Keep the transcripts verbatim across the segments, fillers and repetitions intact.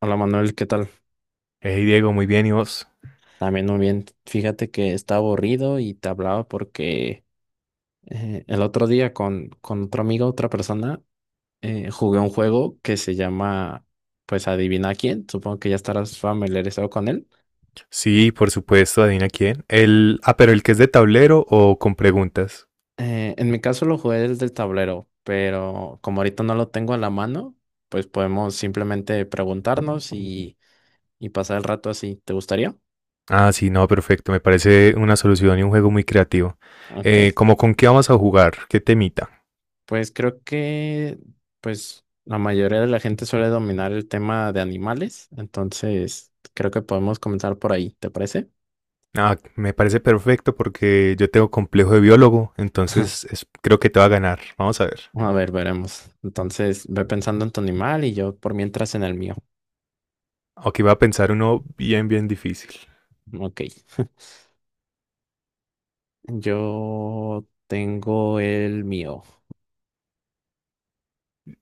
Hola Manuel, ¿qué tal? Hey Diego, muy bien, ¿y vos? También muy bien. Fíjate que está aburrido y te hablaba porque eh, el otro día con, con otro amigo, otra persona, eh, jugué un juego que se llama, pues adivina quién. Supongo que ya estarás familiarizado con él. Sí, por supuesto, adivina quién. El, ah, pero el que es de tablero o con preguntas. Eh, en mi caso lo jugué desde el tablero, pero como ahorita no lo tengo a la mano, pues podemos simplemente preguntarnos y, y pasar el rato así. ¿Te gustaría? Ah, sí, no, perfecto, me parece una solución y un juego muy creativo. Ok. Eh, ¿cómo con qué vamos a jugar? ¿Qué temita? Pues creo que, pues, la mayoría de la gente suele dominar el tema de animales, entonces creo que podemos comenzar por ahí, ¿te parece? Ah, me parece perfecto porque yo tengo complejo de biólogo, entonces es- creo que te va a ganar. Vamos a ver. A ver, veremos. Entonces, ve pensando en tu animal y yo por mientras en el mío. Ok, va a pensar uno bien, bien difícil. Ok. Yo tengo el mío.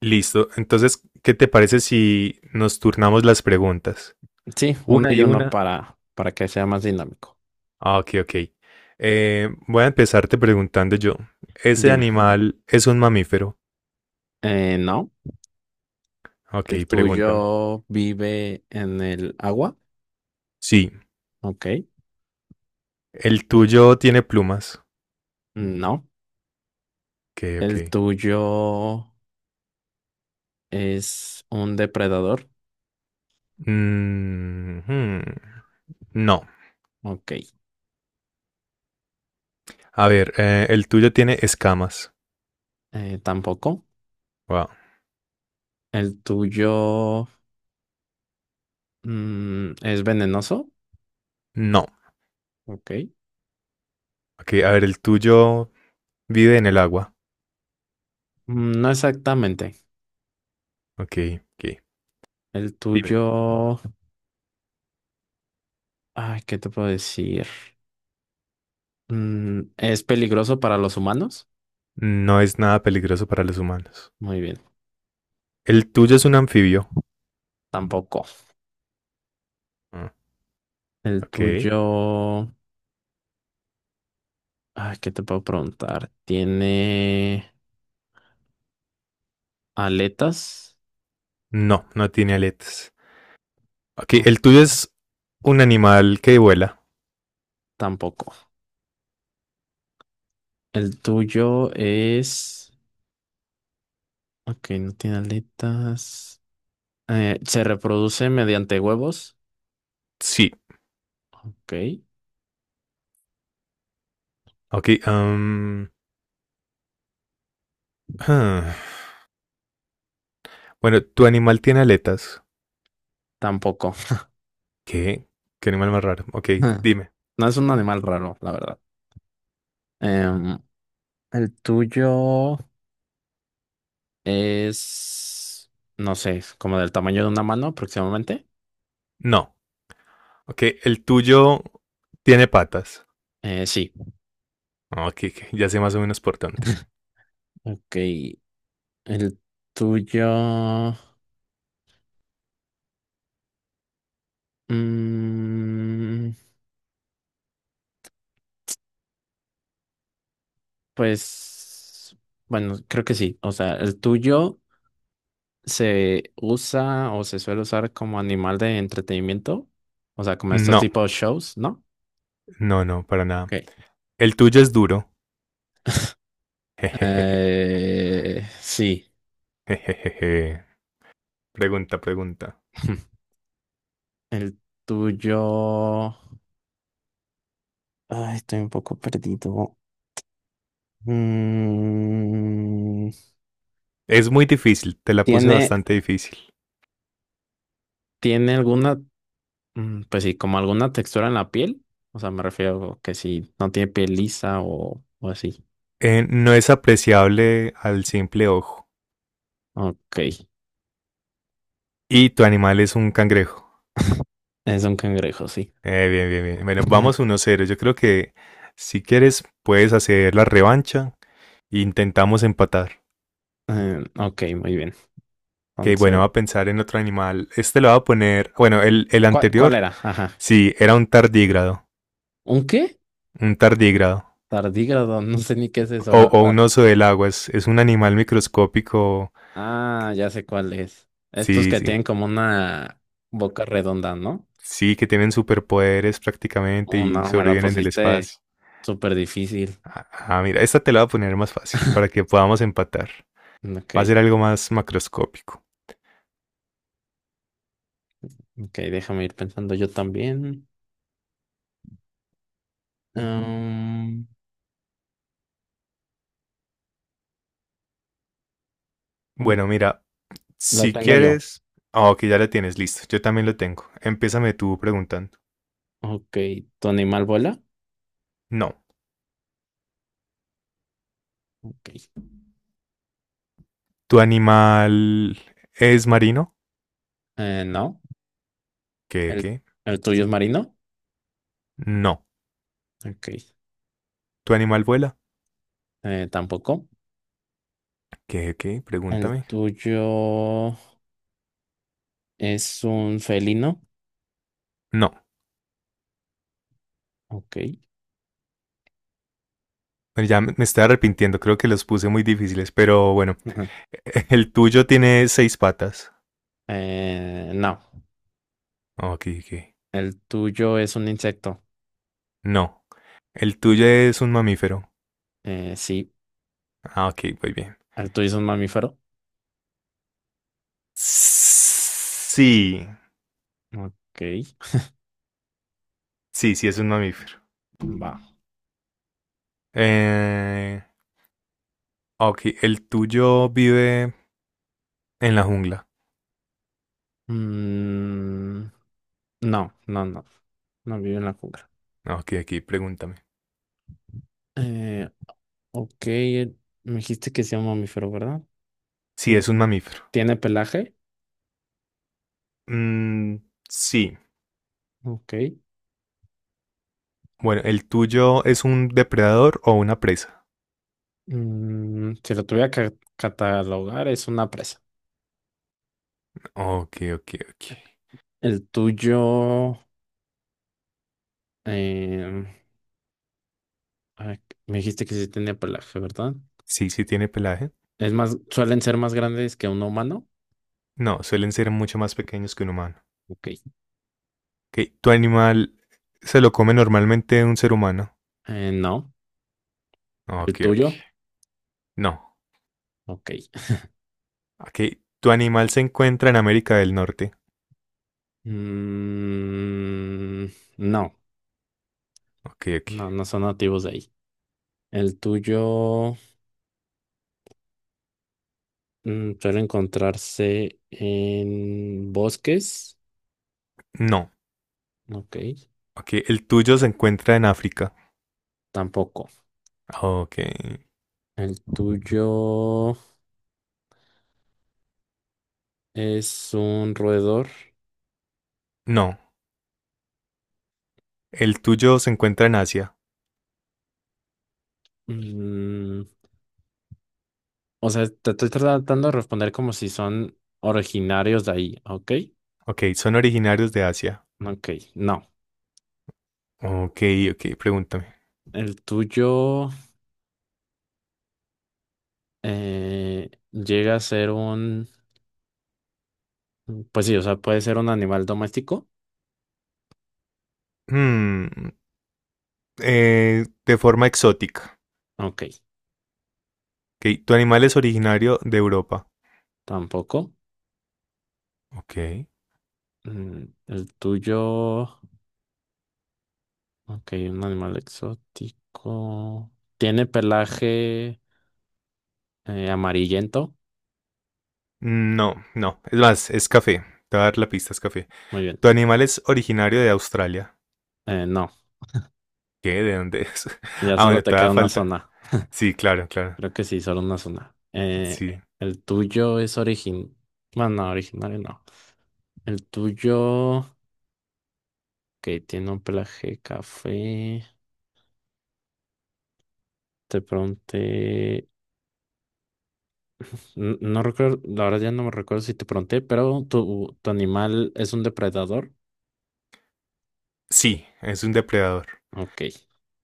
Listo, entonces, ¿qué te parece si nos turnamos las preguntas? Sí, uno Una y y uno una. para, para que sea más dinámico. Ah, ok, ok. Eh, voy a empezarte preguntando yo. ¿Ese Dime. animal es un mamífero? Eh, no. ¿El Ok, pregúntame. tuyo vive en el agua? Sí. Ok. ¿El tuyo tiene plumas? No. Ok, ¿El ok. tuyo es un depredador? Mm, hmm. No. Ok, A ver, eh, ¿el tuyo tiene escamas? eh, tampoco. Wow. El tuyo, mm, es venenoso. No. Ok. Ok, a ver, ¿el tuyo vive en el agua? Mm, no exactamente. Ok, ok. El Dime. tuyo, ay, ¿qué te puedo decir? Mm, es peligroso para los humanos. No es nada peligroso para los humanos. Muy bien, ¿El tuyo es un anfibio? tampoco. Ah, El ok. tuyo, ay, ¿qué te puedo preguntar? ¿Tiene aletas? No, no tiene aletas. Ok, Ok. el tuyo es un animal que vuela. Tampoco. El tuyo es, ok, no tiene aletas. Eh, se reproduce mediante huevos. Sí. Ok, Ok, am, ah, bueno, tu animal tiene aletas. tampoco. ¿Qué? ¿Qué animal más raro? Ok, dime. No es un animal raro, la verdad. Em, el tuyo es, no sé, como del tamaño de una mano aproximadamente. No. Ok, el tuyo tiene patas. Eh, sí. Ok, ok, ya sé más o menos por dónde. Ok, el tuyo, mm, pues, bueno, creo que sí. O sea, el tuyo se usa o se suele usar como animal de entretenimiento. O sea, como estos No, tipos de shows, ¿no? no, no, para nada. Ok. El tuyo es duro. Jejejeje. Eh, sí. Jejejeje. Pregunta, pregunta. El tuyo. Ay, estoy un poco perdido. Mm, Es muy difícil, te la puse ¿tiene, bastante difícil. tiene alguna, mm, pues sí, como alguna textura en la piel? O sea, me refiero que si no tiene piel lisa o, o así. Eh, no es apreciable al simple ojo. Ok. Y tu animal es un cangrejo. Es un cangrejo, sí. Eh, bien, bien, bien. Bueno, vamos uno cero. Yo creo que si quieres puedes hacer la revancha e intentamos empatar. Eh, ok, muy bien. Que bueno, va Entonces, a pensar en otro animal. Este lo va a poner. Bueno, el, el ¿cuál, cuál anterior, era? Ajá. sí, era un tardígrado. ¿Un qué? Un tardígrado. Tardígrado, no sé ni qué es eso, O, la o un verdad. oso del agua. Es, es un animal microscópico. Ah, ya sé cuál es. Estos Sí, que sí. tienen como una boca redonda, ¿no? Sí, que tienen superpoderes prácticamente Oh, y no, me la sobreviven en el pusiste espacio. súper difícil. Ah, ah, mira, esta te la voy a poner más fácil para que podamos empatar. Ok, Va a ser algo más macroscópico. ok, déjame ir pensando yo también. Um, oh, Bueno, mira, lo si tengo yo. quieres. Ah, ok, ya la tienes, listo. Yo también lo tengo. Empiézame tú preguntando. Ok, ¿tu animal vuela? No. Ok. ¿Tu animal es marino? Eh, no. ¿Qué, ¿El, qué? el tuyo es marino? No. Ok. ¿Tu animal vuela? Eh, tampoco. ¿Qué, qué? ¿El Pregúntame. tuyo es un felino? No. Ok. Bueno, ya me me estoy arrepintiendo, creo que los puse muy difíciles, pero bueno. Ujú. El tuyo tiene seis patas. Eh, no. Ok, ok. ¿El tuyo es un insecto? No. El tuyo es un mamífero. Eh, sí. Ah, ok, muy bien. ¿El tuyo es un mamífero? Sí. Ok, Sí, sí es un mamífero. va. Eh, Ah, ok, el tuyo vive en la jungla. Mm, no, no, no. No vive en la jungla. Ah, ok, aquí pregúntame. Eh, ok, eh, me dijiste que sea un mamífero, ¿verdad? Si Eh, es un mamífero. ¿Tiene pelaje? Mm, sí. Ok. Bueno, ¿el tuyo es un depredador o una presa? Mm, si lo tuviera que catalogar, es una presa. Ok, ok, ok. El tuyo, em, a me dijiste que sí tenía pelaje, ¿verdad? Sí, sí tiene pelaje. Es más, suelen ser más grandes que un humano. No, suelen ser mucho más pequeños que un humano. Ok. Ok, ¿tu animal se lo come normalmente un ser humano? Eh, no. Ah, El ok, ok. tuyo, No. ok. Ok, ¿tu animal se encuentra en América del Norte? Mm, no, Ok, ok. no, no son nativos de ahí. El tuyo, mm, suele encontrarse en bosques. No. Ok, Ok, ¿el tuyo se encuentra en África? tampoco. Ah, ok. El tuyo es un roedor. No. O, El tuyo se encuentra en Asia. mm, o sea, te estoy tratando de responder como si son originarios de ahí. Ok, Ok, son originarios de Asia. ok, no. Ok, ok, pregúntame. El tuyo eh, llega a ser un, pues sí, o sea, puede ser un animal doméstico. Hmm, eh, de forma exótica. Ok, Ok, tu animal es originario de Europa. tampoco. Ok. Mm, el tuyo, ok, un animal exótico. ¿Tiene pelaje eh, amarillento? No, no. Es más, es café. Te voy a dar la pista, es café. Muy bien. Tu animal es originario de Australia. Eh, no, ¿Qué? ¿De dónde es? ya Ah, solo bueno, te todavía queda una falta. zona. Sí, claro, claro. Creo que sí, solo una zona. Eh, Sí. El tuyo es origin... Bueno, no, originario no. El tuyo, que tiene un pelaje café. De pronto, N- no recuerdo, la verdad ya no me recuerdo si te pregunté, pero tu, tu animal es un depredador. Sí, es un depredador. Ok.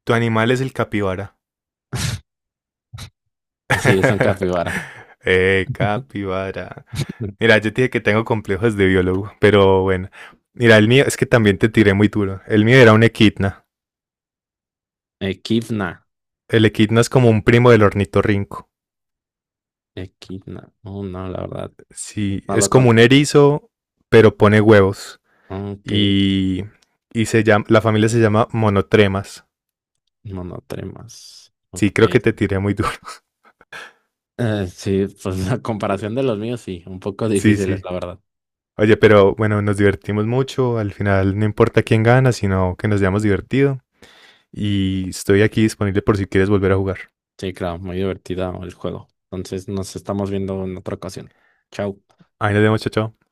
Tu animal es el capibara. Sí, es un capibara. eh, capibara. Mira, yo te dije que tengo complejos de biólogo, pero bueno. Mira, el mío es que también te tiré muy duro. El mío era un equidna. Equidna. El equidna es como un primo del ornitorrinco. Equidna. Oh, no, la verdad. Sí, No es lo como un con. erizo, pero pone huevos. Ok. Y, y se llama, la familia se llama monotremas. Monotremas. Sí, Ok. creo que te tiré muy duro. Eh, sí, pues la comparación de los míos, sí. Un poco Sí, difíciles, sí. la verdad. Oye, pero bueno, nos divertimos mucho. Al final no importa quién gana, sino que nos hayamos divertido. Y estoy aquí disponible por si quieres volver a jugar. Sí, claro. Muy divertida el juego. Entonces nos estamos viendo en otra ocasión. Chao. Ahí nos vemos, chao, chao.